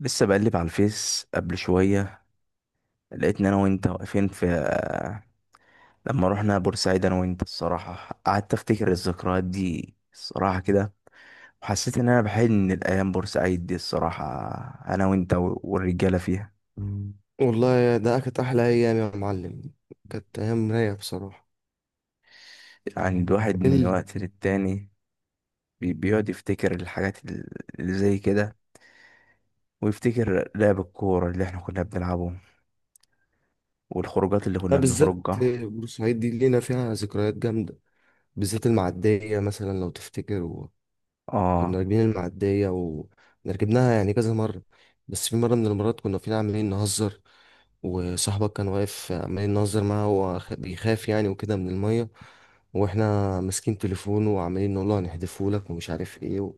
لسه بقلب على الفيس قبل شوية. لقيت ان انا وانت واقفين في آه، لما رحنا بورسعيد انا وانت الصراحة، قعدت افتكر الذكريات دي الصراحة كده. وحسيت ان انا بحن الايام بورسعيد دي الصراحة، انا وانت والرجالة فيها. والله ده كانت أحلى أيام يا معلم. كانت أيام رايقة بصراحة. يعني الواحد من ال... وقت للتاني بيقعد يفتكر الحاجات اللي زي كده، ويفتكر لعب الكورة اللي احنا كنا بنلعبه والخروجات اللي ده كنا بالذات. بنخرجها. بورسعيد دي لينا فيها ذكريات جامدة، بالذات المعدية مثلا لو تفتكر. وكنا اه. راكبين المعدية وركبناها يعني كذا مرة. بس في مرة من المرات كنا فينا عمالين نهزر، وصاحبك كان واقف عمالين نهزر معاه، هو بيخاف يعني وكده من المية. واحنا ماسكين تليفونه وعمالين نقول له هنحدفه لك ومش عارف ايه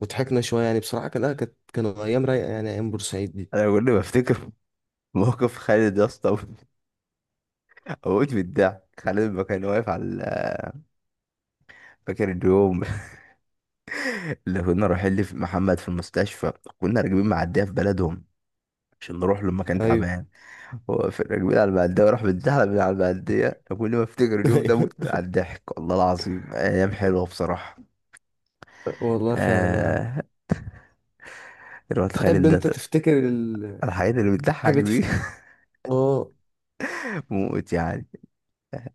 وضحكنا شوية. يعني بصراحة كان آه، كانت كانوا أيام رايقة، يعني أيام بورسعيد دي. انا كل ما افتكر موقف خالد يا اسطى، موت من الضحك. خالد ما كان واقف على فاكر اليوم؟ اللي كنا رايحين محمد في المستشفى. كنا راكبين معدية في بلدهم عشان نروح له لما كان ايوه. تعبان. هو في راكبين على المعدية وراح بيتزحلق من على المعدية. كل ما افتكر اليوم ده ايوه، موت على الضحك والله العظيم، ايام حلوة بصراحة. والله فعلا يا عم. آه. الواد تحب خالد انت ده، تفتكر ال... الحاجات اللي بتضحك تحب دي. تفت... اه. موت يعني.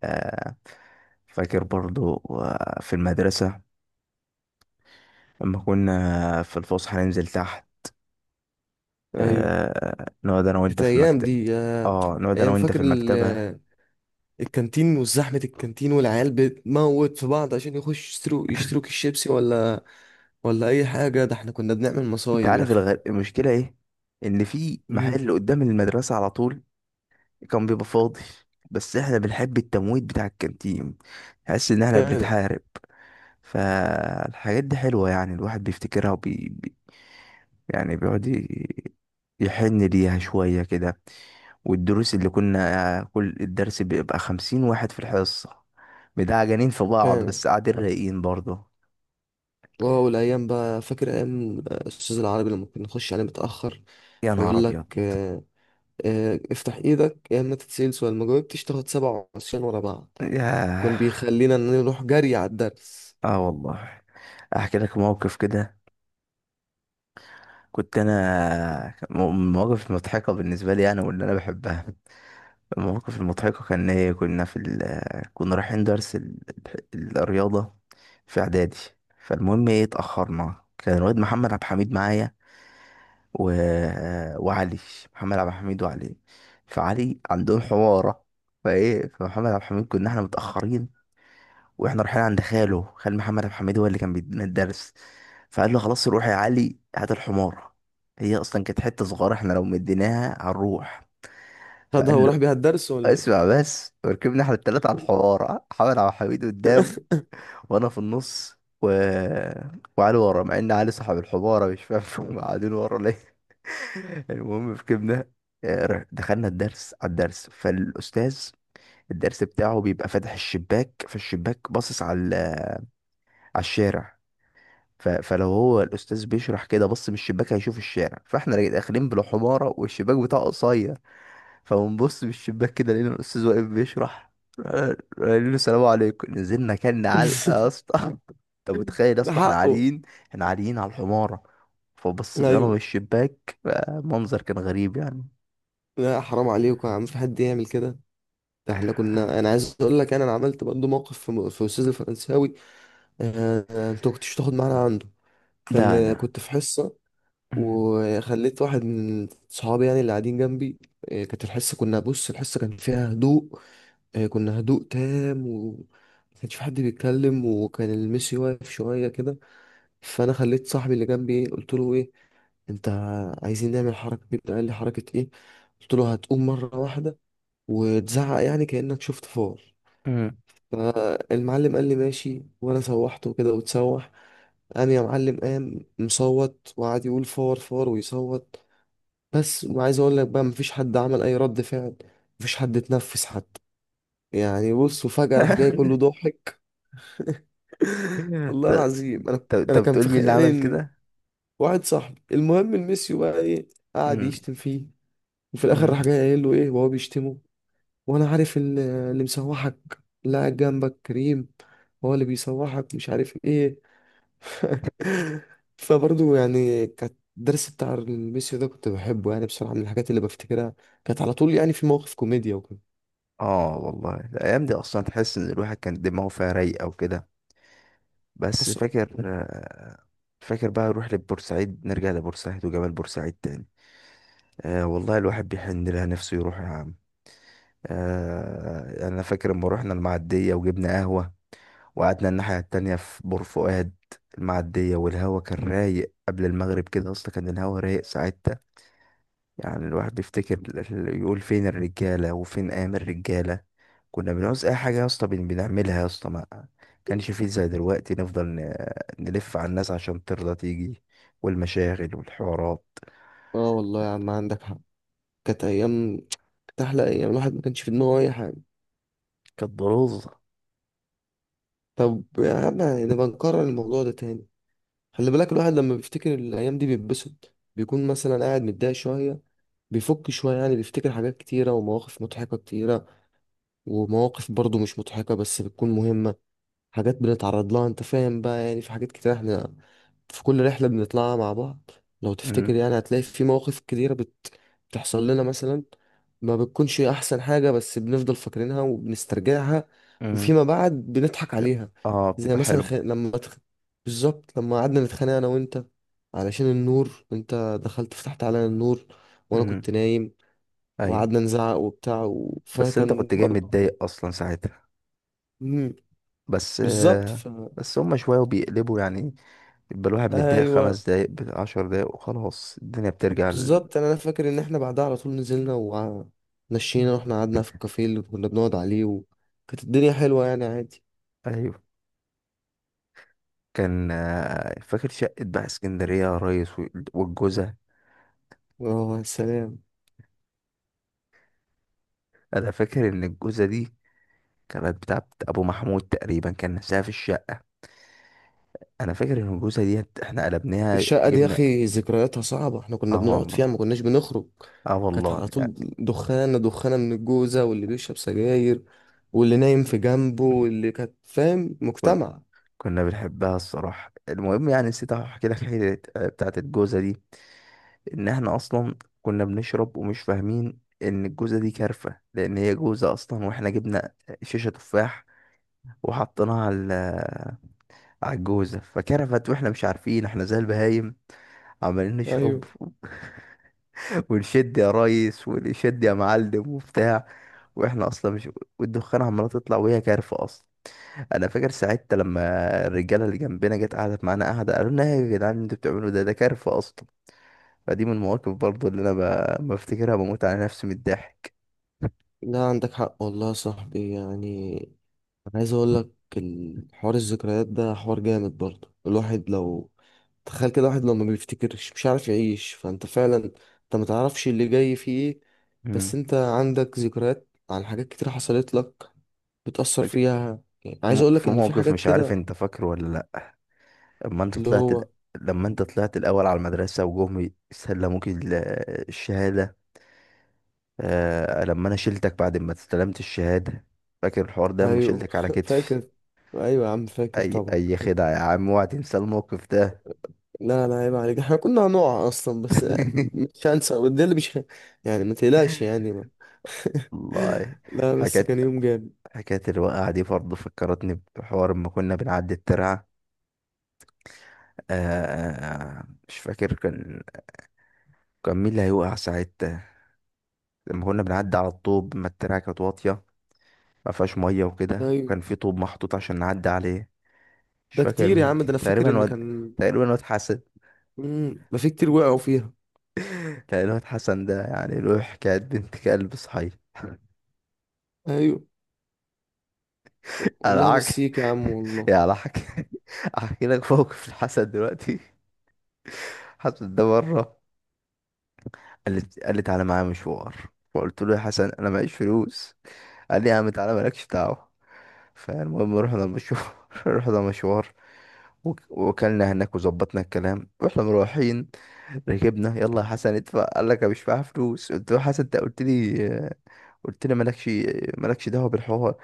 آه. فاكر برضو في المدرسة لما كنا في الفسحة ننزل تحت، ايوه، آه نقعد انا وانت كانت في ايام المكتب. دي اه نقعد انا ايام، وانت في فاكر المكتبة. الكانتين وزحمة الكانتين والعيال بتموت في بعض عشان يخش يشتروا كيس شيبسي ولا اي حاجة. ده احنا كنا بنعمل انت مصايب يا عارف اخي. المشكلة ايه؟ ان في امم. محل قدام المدرسة على طول كان بيبقى فاضي، بس احنا بنحب التمويت بتاع الكانتين، تحس ان احنا فعلا. بنتحارب. فالحاجات دي حلوة يعني، الواحد بيفتكرها يعني يحن ليها شوية كده. والدروس اللي كنا كل الدرس بيبقى خمسين واحد في الحصة، بتاع جنين في بعض فعلا. بس قاعدين رايقين برضه. اه، والايام بقى، فاكر ايام الاستاذ العربي لما كنا نخش عليه متأخر، يا نهار يقول لك ابيض. افتح ايدك، يا اما تتسال سؤال ما جاوبتش تاخد 7 عصيان ورا بعض. ياه. كان بيخلينا ان نروح جري على الدرس. اه والله. احكي لك موقف كده. كنت انا مواقف مضحكه بالنسبه لي انا واللي انا بحبها. المواقف المضحكه كان ايه؟ كنا في كنا رايحين درس الرياضه في اعدادي. فالمهم ايه، اتاخرنا. كان الواد محمد عبد الحميد معايا و... وعلي. محمد عبد الحميد وعلي. فعلي عندهم حواره. فايه، فمحمد عبد الحميد كنا احنا متاخرين واحنا رايحين عند خاله، خال محمد عبد الحميد هو اللي كان بيدينا الدرس. فقال له خلاص روح يا علي هات الحمار. هي اصلا كانت حته صغيره احنا لو مديناها هنروح. خدها فقال له وراح بيها الدرس ولا اسمع ايه؟ بس. وركبنا احنا التلاته على الحمار، محمد عبد الحميد قدام وانا في النص وعلي ورا، مع ان علي صاحب الحماره مش فاهم هم قاعدين ورا ليه. المهم ركبنا. دخلنا الدرس على الدرس، فالاستاذ الدرس بتاعه بيبقى فاتح الشباك، فالشباك باصص على على الشارع. فلو هو الاستاذ بيشرح كده بص من الشباك هيشوف الشارع، فاحنا داخلين بلا حماره والشباك بتاعه قصير. فبنبص من الشباك كده لقينا الاستاذ واقف بيشرح. قال له السلام عليكم، نزلنا كلنا علقه يا اسطى. طب متخيل يا ده اسطى احنا حقه. عاليين، احنا عاليين على الحماره. فبصيت انا من ايوه. الشباك، منظر كان غريب يعني. لا، حرام عليكم يا عم، في حد يعمل كده؟ ده احنا كنا، انا عايز اقول لك، أنا عملت برضه موقف في استاذ الفرنساوي. انت كنتش تاخد معانا عنده؟ لا كان لا. كنت في حصه، مم. وخليت واحد من صحابي يعني اللي قاعدين جنبي. كانت الحصه، كنا بص الحصه كان فيها هدوء، كنا هدوء تام، وما كانش في حد بيتكلم. وكان الميسي واقف شوية كده، فأنا خليت صاحبي اللي جنبي، إيه، قلت له إيه، أنت عايزين نعمل حركة كده. قال لي حركة إيه؟ قلت له هتقوم مرة واحدة وتزعق يعني كأنك شفت فار. مم. فالمعلم قال لي ماشي، وأنا سوحته كده وتسوح. قام يا معلم قام مصوت وقعد يقول فار فار ويصوت. بس، وعايز أقول لك بقى، مفيش حد عمل أي رد فعل، مفيش حد اتنفس حتى. يعني بص، وفجأة راح جاي كله ضاحك. والله ط- العظيم انا طب انا طب كان تقول في مين اللي خيالي عمل ان كده؟ واحد صاحبي. المهم إن ميسيو بقى ايه، قعد مم. يشتم فيه. وفي الاخر راح مم. جاي قايل له ايه وهو بيشتمه: وانا عارف اللي مسوحك، اللي قاعد جنبك كريم، هو اللي بيسوحك، مش عارف ايه. فبرضه يعني كانت الدرس بتاع الميسيو ده كنت بحبه، يعني بصراحة من الحاجات اللي بفتكرها. كانت على طول يعني في مواقف كوميديا وكده. اه والله الايام دي اصلا تحس ان الواحد كان دماغه فيها رايقه وكده، بس حصل. فاكر فاكر بقى نروح لبورسعيد، نرجع لبورسعيد وجبال بورسعيد تاني. آه والله الواحد بيحن لها نفسه يروح يا عم. آه، انا فاكر لما رحنا المعديه وجبنا قهوه وقعدنا الناحيه التانية في بور فؤاد، المعديه والهوا كان رايق قبل المغرب كده، اصلا كان الهوا رايق ساعتها. يعني الواحد بيفتكر يقول فين الرجاله وفين ايام الرجاله. كنا بنعوز اي حاجه يا اسطى بنعملها يا اسطى، ما كانش فيه زي دلوقتي نفضل نلف على الناس عشان ترضى تيجي، والمشاغل والحوارات. اه والله يا عم عندك حق. كانت ايام، كانت احلى ايام، الواحد ما كانش في دماغه اي حاجة. كانت ضروزه. طب يا عم نبقى نكرر الموضوع ده تاني. خلي بالك، الواحد لما بيفتكر الأيام دي بيتبسط، بيكون مثلا قاعد متضايق شوية بيفك شوية. يعني بيفتكر حاجات كتيرة ومواقف مضحكة كتيرة، ومواقف برضه مش مضحكة بس بتكون مهمة. حاجات بنتعرض لها، انت فاهم بقى، يعني في حاجات كتير احنا في كل رحلة بنطلعها مع بعض لو تفتكر امم يعني هتلاقي في مواقف كتيرة بتحصل لنا مثلا، ما بتكونش احسن حاجة بس بنفضل فاكرينها وبنسترجعها. امم. وفيما بعد بنضحك عليها. اه زي بتبقى مثلا حلو. بالظبط لما قعدنا نتخانق انا وانت علشان النور، انت دخلت فتحت علينا النور وانا امم. كنت نايم، ايوه. وقعدنا نزعق وبتاع بس انت فكان كنت جاي برضه متضايق اصلا ساعتها، مم، بس بالظبط بس هما شويه وبيقلبوا يعني، يبقى الواحد متضايق ايوه خمس دقايق عشر دقايق وخلاص الدنيا بترجع بالظبط، أنا فاكر ان احنا بعدها على طول نزلنا، مم. ومشينا واحنا قعدنا في الكافيه اللي كنا بنقعد عليه، وكانت الدنيا حلوه يعني عادي. ايوه. كان فاكر شقة بقى اسكندرية يا ريس والجوزة. اه يا سلام. انا فاكر ان الجوزه دي كانت بتاعت ابو محمود تقريبا، كان نفسها في الشقه. انا فاكر ان الجوزه دي احنا قلبناها الشقه دي يا جبنا. اخي ذكرياتها صعبه، احنا كنا اه بنقعد فيها والله. ما كناش بنخرج. اه كانت والله على يعني. طول دخانه دخانه من الجوزه، واللي بيشرب سجاير واللي نايم في جنبه واللي كانت فاهم كن- مجتمع. كنا بنحبها الصراحه. المهم يعني، نسيت احكي لك حته بتاعت الجوزه دي. ان احنا اصلا كنا بنشرب ومش فاهمين ان الجوزه دي كارفه، لان هي جوزه اصلا، واحنا جبنا شيشه تفاح وحطيناها على على الجوزه فكرفت، واحنا مش عارفين، احنا زي البهايم عمالين نشرب ايوه. ونشد يا ريس ونشد يا معلم وبتاع، واحنا اصلا مش، والدخان عماله تطلع وهي كارفه اصلا. انا فاكر ساعتها لما الرجاله اللي جنبنا جت قعدت معانا قعده، قالوا لنا إيه يا جدعان اللي انتوا بتعملوا ده، ده كارفه اصلا. فدي من المواقف برضو اللي انا بفتكرها، بموت على نفسي من الضحك. لا، عندك حق والله يا صاحبي، يعني انا عايز اقول لك، الحوار الذكريات ده حوار جامد برضه، الواحد لو تخيل كده، واحد لو ما بيفتكرش مش عارف يعيش. فانت فعلا انت ما تعرفش اللي جاي فيه ايه. بس امم. انت عندك ذكريات عن حاجات كتير حصلت لك، بتأثر فاكر فيها، يعني عايز اقول لك في ان في موقف حاجات مش عارف كده. انت فاكره ولا لا. لما انت اللي طلعت ال... هو. لما انت طلعت الاول على المدرسه وجم يسلموك الشهاده. آه لما انا شلتك بعد ما استلمت الشهادة، فاكر الحوار ده لما ايوه شلتك على كتفي؟ فاكر. ايوه يا عم فاكر اي طبعا. اي خدعة يا عم، اوعى تنسى الموقف ده. لا لا، عيب عليك، احنا كنا هنقع اصلا. بس مش هنسى ده، اللي مش يعني ما تقلقش يعني. والله. لا بس حكاية. كان يوم جامد. حكاية الوقعة دي برضه فكرتني بحوار لما كنا بنعدي الترعة. آه. مش فاكر كان مين اللي هيوقع ساعتها لما كنا بنعدي على الطوب، ما الترعة كانت واطية، ما فيهاش مية وكده، ايوه، وكان في طوب محطوط عشان نعدي عليه. مش ده فاكر كتير يا مين عم، ده انا كان. فاكر تقريبا ان واد. كان. تقريبا واد حسن. امم، ده في كتير وقعوا فيها. كان الواد حسن ده يعني له حكاية بنت كلب صحيح. ايوه، انا والله عك... مسيك يا عم والله. يا انا حك... احكي لك موقف الحسن دلوقتي. حسن ده مرة قال لي تعالى معايا مشوار. فقلت له يا حسن انا معيش فلوس. قال لي يا عم تعالى مالكش دعوة. فالمهم رحنا مشوار. رحنا مشوار وكلنا هناك وظبطنا الكلام، واحنا مروحين ركبنا يلا يا حسن ادفع، قال لك انا مش معايا فلوس. قلت له يا حسن انت قلت لي، قلت لي مالكش دعوه بالحوار.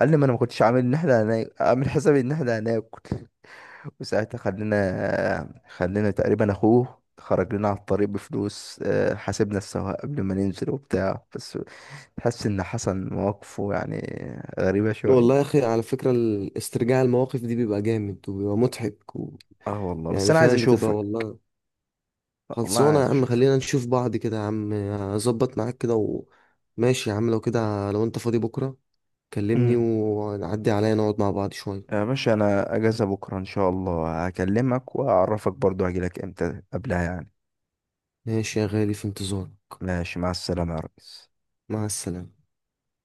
قال لي ما انا ما كنتش عامل ان احنا هناك، عامل حسابي ان احنا هناكل. وساعتها خلينا تقريبا اخوه خرج لنا على الطريق بفلوس، حاسبنا السواق قبل ما ننزل وبتاع. بس تحس ان حسن مواقفه يعني غريبه والله يا شويه. اخي على فكرة استرجاع المواقف دي بيبقى جامد وبيبقى مضحك اه والله. بس يعني انا عايز فاهم، بتبقى اشوفك. والله. والله خلصانة يا عايز عم، اشوفك. خلينا نشوف بعض كده يا عم، اظبط معاك كده ماشي يا عم، لو كده لو انت فاضي بكرة كلمني، امم. ونعدي عليا نقعد مع بعض شوية. يا باشا انا اجازة بكرة ان شاء الله، هكلمك واعرفك برضو هجيلك امتى قبلها يعني. ماشي يا غالي، في انتظارك. ماشي، مع السلامة يا ريس. مع السلامة.